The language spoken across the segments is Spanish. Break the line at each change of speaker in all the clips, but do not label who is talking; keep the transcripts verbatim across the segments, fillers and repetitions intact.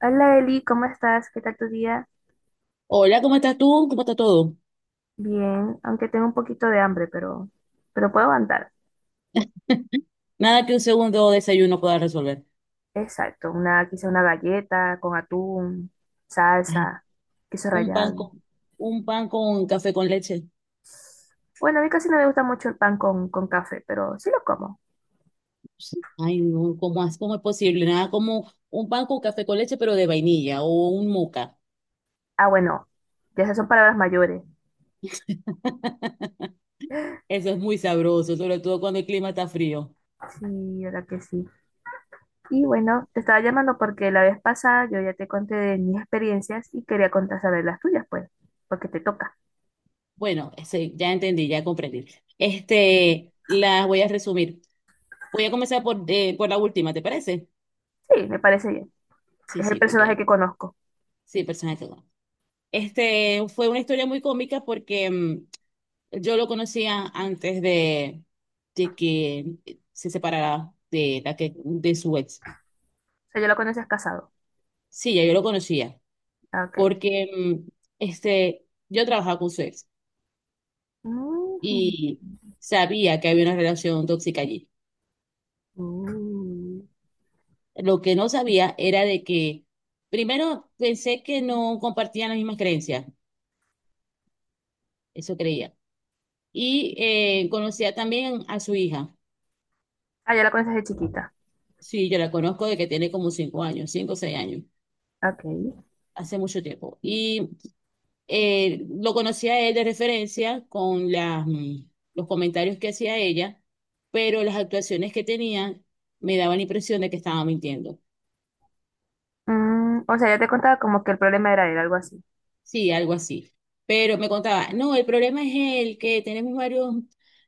Hola Eli, ¿cómo estás? ¿Qué tal tu día?
Hola, ¿cómo estás tú? ¿Cómo está todo?
Bien, aunque tengo un poquito de hambre, pero, pero puedo aguantar.
Nada que un segundo desayuno pueda resolver.
Exacto, una, quizá una galleta con atún,
Ay,
salsa, queso
un pan
rallado.
con, un pan con café con leche.
Bueno, a mí casi no me gusta mucho el pan con, con café, pero sí lo como.
Sí. Ay, no, ¿cómo, es- cómo es posible? Nada como un pan con café con leche, pero de vainilla o un moca.
Ah, bueno, ya esas son palabras mayores.
Eso es muy sabroso, sobre todo cuando el clima está frío.
Sí, verdad que sí. Y bueno, te estaba llamando porque la vez pasada yo ya te conté de mis experiencias y quería contar sobre las tuyas, pues, porque te toca.
Bueno, sí, ya entendí, ya comprendí. Este, las voy a resumir. Voy a comenzar por, eh, por la última, ¿te parece?
Sí, me parece bien.
Sí,
Es el
sí,
personaje
porque
que conozco. O
sí, personaje. Este, fue una historia muy cómica porque mm, yo lo conocía antes de, de que se separara de la que de su ex.
sea, yo lo conoces casado.
Sí, ya yo lo conocía,
Ok.
porque mm, este, yo trabajaba con su ex
Mm,
y sabía que había una relación tóxica allí.
mm.
Lo que no sabía era de que, primero, pensé que no compartían las mismas creencias, eso creía. Y eh, conocía también a su hija.
Ah, ya la conoces de chiquita.
Sí, yo la conozco de que tiene como cinco años, cinco o seis años,
Ok.
hace mucho tiempo. Y eh, lo conocía a él de referencia con las, mm, los comentarios que hacía ella, pero las actuaciones que tenía me daban la impresión de que estaba mintiendo.
Mm, o sea, ya te contaba como que el problema era él, algo así.
Sí, algo así. Pero me contaba, no, el problema es él, que tenemos varios,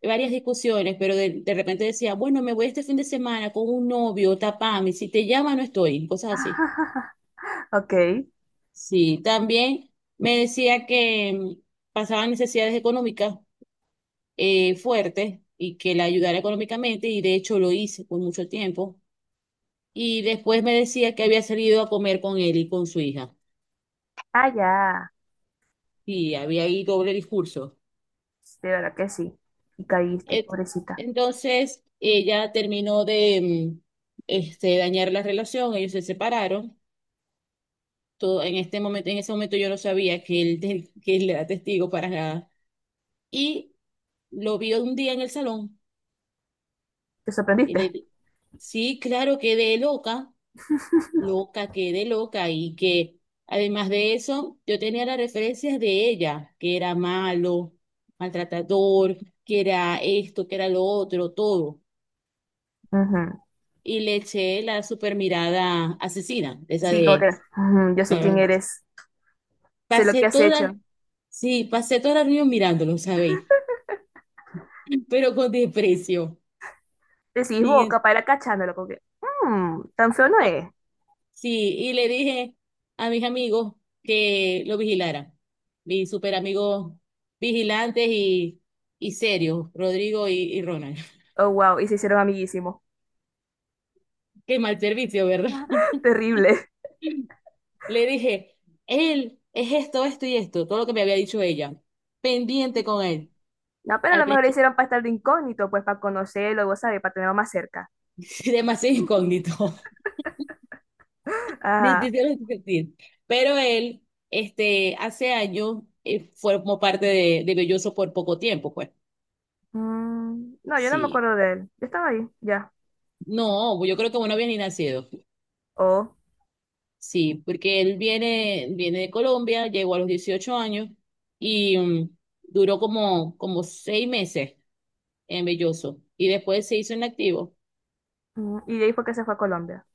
varias discusiones, pero de, de repente decía, bueno, me voy este fin de semana con un novio, tapame, si te llama no estoy, cosas así.
Ok.
Sí, también me decía que mm, pasaban necesidades económicas eh, fuerte y que la ayudara económicamente y de hecho lo hice por mucho tiempo. Y después me decía que había salido a comer con él y con su hija
Ah, ya.
y había ahí doble discurso.
De verdad que sí. Y caíste,
Et-
pobrecita.
Entonces ella terminó de mm, este, dañar la relación, ellos se separaron. Todo, en este momento, en ese momento yo no sabía que él, que él era testigo para nada. Y lo vi un día en el salón
Te
y le
sorprendiste.
di- sí, claro, quedé loca. Loca, quedé loca y que además de eso, yo tenía las referencias de ella, que era malo, maltratador, que era esto, que era lo otro, todo.
Ujú.
Y le eché la super mirada asesina, esa
Sí, como que
de...
ujú, yo sé quién
"Brr".
eres. Sé lo
Pasé
que has
toda,
hecho.
sí, pasé toda la reunión mirándolo, ¿sabéis? Pero con desprecio.
Decís
Y
vos,
es-
capaz era cachándolo, como que, mmm, tan feo no es.
Sí, y le dije a mis amigos que lo vigilaran, mis super amigos vigilantes y, y serios, Rodrigo y, y Ronald.
Oh, wow, y se hicieron amiguísimos.
Qué mal servicio, ¿verdad?
Terrible.
Le dije, él es esto, esto y esto, todo lo que me había dicho ella, pendiente con él.
No, pero a
Al
lo mejor lo
principio,
hicieron para estar de incógnito, pues para conocerlo, vos sabés, para tenerlo más cerca.
demasiado incógnito, me
Ajá.
hicieron sentir. Pero él, este, hace años, eh, formó parte de, de Belloso por poco tiempo, pues.
Mm, no, yo no me
Sí.
acuerdo de él. Yo estaba ahí, ya.
No, yo creo que bueno, había ni nacido.
Oh.
Sí, porque él viene, viene de Colombia, llegó a los dieciocho años y mm, duró como, como seis meses en Belloso y después se hizo inactivo.
Mm, y de ahí fue que se fue a Colombia.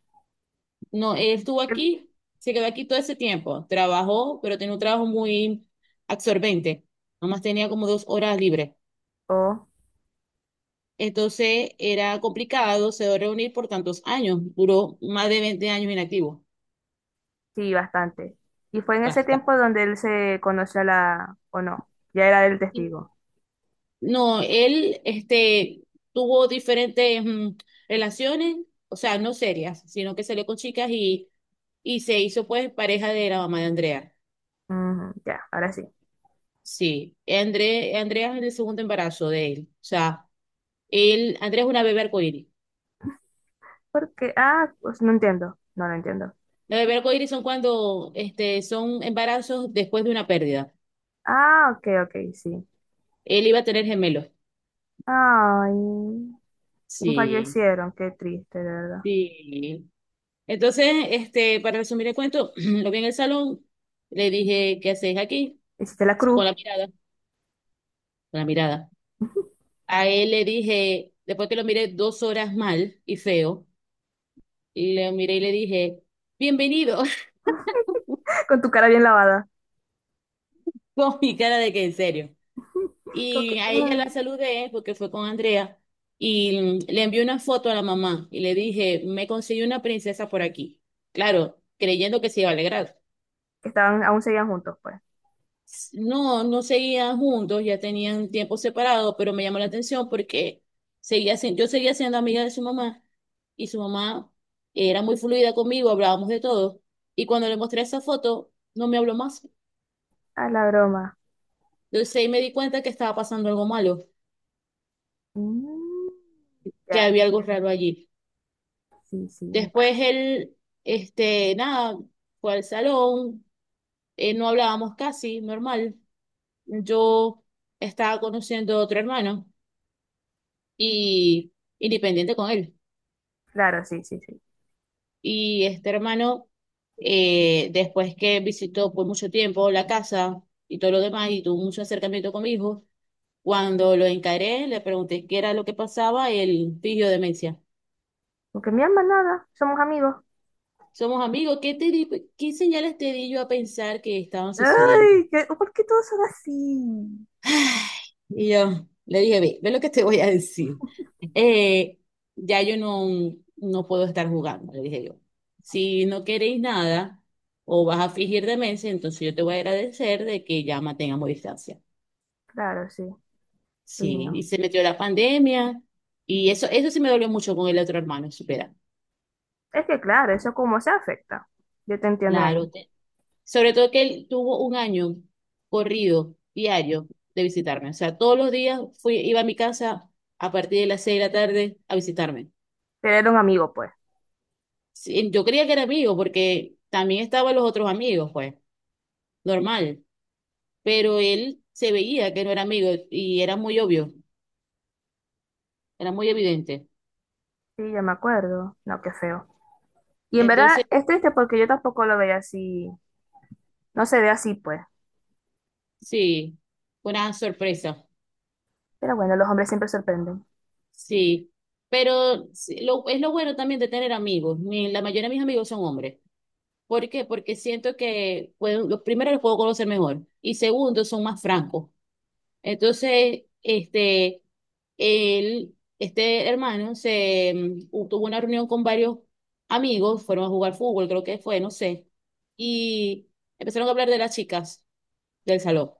No, él estuvo
Él.
aquí, se quedó aquí todo ese tiempo, trabajó, pero tenía un trabajo muy absorbente, nomás tenía como dos horas libres.
Oh,
Entonces era complicado, se dio reunir por tantos años, duró más de veinte años inactivo.
sí, bastante. Y fue en ese
Basta.
tiempo donde él se conoció a la... o no, ya era el testigo.
No, él este, tuvo diferentes mm, relaciones, o sea, no serias, sino que salió con chicas y, y se hizo pues pareja de la mamá de Andrea.
Ujú, ya, ahora sí.
Sí, André, Andrea es el segundo embarazo de él. O sea, él, Andrea es una bebé arcoíris.
Porque, ah, pues no entiendo, no lo entiendo.
Las bebés arcoíris son cuando este, son embarazos después de una pérdida.
Ah, ok, ok, sí.
Él iba a tener gemelos.
Ay, y
Sí,
fallecieron, qué triste, de verdad.
sí. Entonces, este, para resumir el cuento, lo vi en el salón, le dije, ¿qué haces aquí?
Hiciste la
Sacó
cruz.
la mirada. La mirada. A él le dije, después que lo miré dos horas mal y feo, le miré y le dije, bienvenido,
Con tu cara bien lavada.
con mi cara de que en serio.
Como
Y
que,
a ella
mm,
la saludé porque fue con Andrea y le envié una foto a la mamá y le dije, me conseguí una princesa por aquí. Claro, creyendo que se iba a alegrar.
que estaban, aún seguían juntos, pues.
No, no seguían juntos, ya tenían tiempo separado, pero me llamó la atención porque seguía sin- yo seguía siendo amiga de su mamá y su mamá era muy fluida conmigo, hablábamos de todo. Y cuando le mostré esa foto, no me habló más.
Ah, la broma.
Entonces ahí me di cuenta que estaba pasando algo malo,
Mm,
que
ya,
había algo raro allí.
sí, sí,
Después
ya.
él, este, nada, fue al salón, eh, no hablábamos casi, normal. Yo estaba conociendo a otro hermano y independiente con él.
Claro, sí, sí, sí.
Y este hermano, eh, después que visitó por mucho tiempo la casa y todo lo demás, y tuvo mucho acercamiento con mi hijo, cuando lo encaré, le pregunté qué era lo que pasaba, él fingió demencia.
Porque mi alma nada, somos amigos.
Somos amigos, ¿qué, te di- qué señales te di yo a pensar que estaban sucediendo?
Ay, que, ¿por qué todos son así?
Y yo le dije, ve, ve lo que te voy a decir. Eh, ya yo no, no puedo estar jugando, le dije yo. Si no queréis nada o vas a fingir demencia, entonces yo te voy a agradecer de que ya mantengamos distancia.
Claro, sí, y
Sí,
no.
y se metió la pandemia y eso, eso sí me dolió mucho con el otro hermano, supera.
Es que claro, eso como se afecta. Yo te entiendo ahí.
Claro, te- sobre todo que él tuvo un año corrido, diario, de visitarme. O sea, todos los días fui, iba a mi casa a partir de las seis de la tarde a visitarme.
Pero era un amigo, pues.
Sí, yo creía que era amigo porque también estaban los otros amigos, pues, normal, pero él se veía que no era amigo y era muy obvio, era muy evidente.
Sí, ya me acuerdo. No, qué feo. Y en verdad
Entonces,
es triste porque yo tampoco lo veía así. No se ve así, pues.
sí, fue una sorpresa,
Pero bueno, los hombres siempre sorprenden.
sí, pero sí, lo, es lo bueno también de tener amigos. Mi- la mayoría de mis amigos son hombres. ¿Por qué? Porque siento que, pues, los primeros los puedo conocer mejor y segundo, son más francos. Entonces, este, él, este hermano se mm, u- tuvo una reunión con varios amigos, fueron a jugar fútbol, creo que fue, no sé, y empezaron a hablar de las chicas del salón.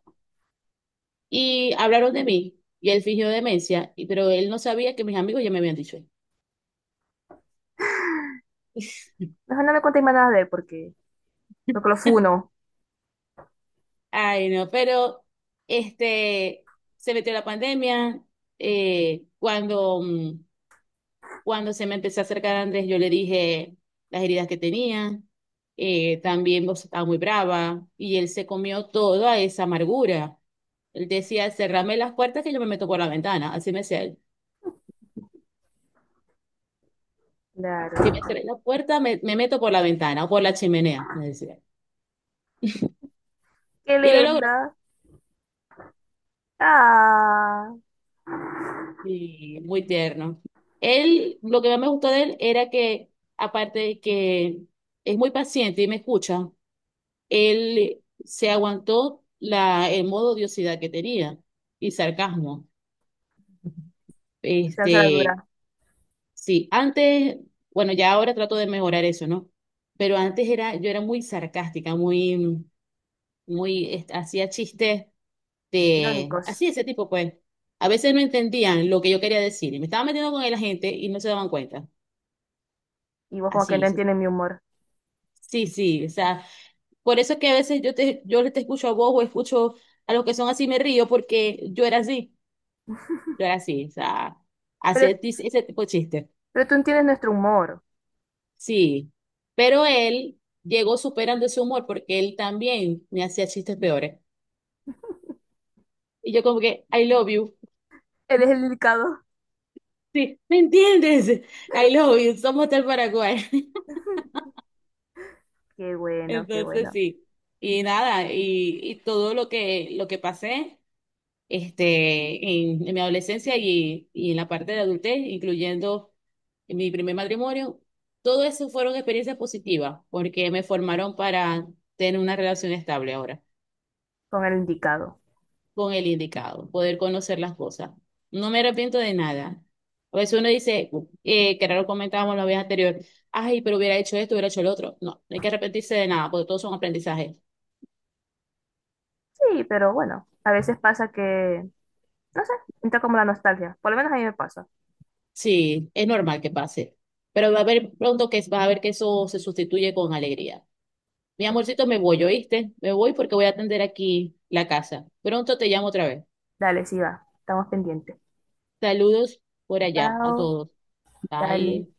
Y hablaron de mí, y él fingió demencia, y- pero él no sabía que mis amigos ya me habían dicho.
Mejor no me contéis más nada de él porque, porque lo funo.
Ay, no, pero este se metió la pandemia eh, cuando mm, cuando se me empezó a acercar Andrés, yo le dije las heridas que tenía, eh, también vos estaba muy brava, y él se comió toda esa amargura. Él decía, cerrame las puertas que yo me meto por la ventana, así me decía él. Si me
Claro.
cerré la puerta, me, me meto por la ventana o por la chimenea, me decía.
Qué
Y lo logró.
linda. Ah.
Y muy tierno. Él, lo que más me gustó de él era que, aparte de que es muy paciente y me escucha, él se aguantó la, el modo odiosidad que tenía y sarcasmo.
Salsa la
Este,
dura.
sí, antes, bueno, ya ahora trato de mejorar eso, ¿no? Pero antes era, yo era muy sarcástica, muy, muy, este, hacía chistes de,
Irónicos.
así ese tipo, pues. A veces no entendían lo que yo quería decir y me estaba metiendo con la gente y no se daban cuenta.
Y vos como que
Así,
no
sí,
entiendes mi humor.
sí, sí, o sea, por eso es que a veces yo te, yo te escucho a vos o escucho a los que son así me río porque yo era así. Yo era así, o sea,
Pero,
hacía tis- ese tipo de chistes.
pero tú entiendes nuestro humor.
Sí, pero él llegó superando ese humor porque él también me hacía chistes peores. Y yo como que, I love you.
Eres el indicado.
Sí, ¿me entiendes? I love you, somos del Paraguay.
Qué bueno, qué
Entonces
bueno.
sí, y nada, y, y todo lo que, lo que pasé este, en, en mi adolescencia y, y en la parte de adultez, incluyendo en mi primer matrimonio, todo eso fueron experiencias positivas porque me formaron para tener una relación estable ahora
Con el indicado.
con el indicado, poder conocer las cosas. No me arrepiento de nada. A veces uno dice, eh, que era lo comentábamos la vez anterior, ay, pero hubiera hecho esto, hubiera hecho lo otro. No, no hay que arrepentirse de nada porque todos son aprendizajes.
Sí, pero bueno. A veces pasa que, no sé, entra como la nostalgia. Por lo menos a mí me pasa.
Sí, es normal que pase, pero va a haber pronto que vas a ver que eso se sustituye con alegría. Mi
Sí.
amorcito, me voy, ¿oíste? Me voy porque voy a atender aquí la casa. Pronto te llamo otra vez.
Dale, sí va. Estamos pendientes.
Saludos por allá a
Chao.
todos.
Dale.
Bye.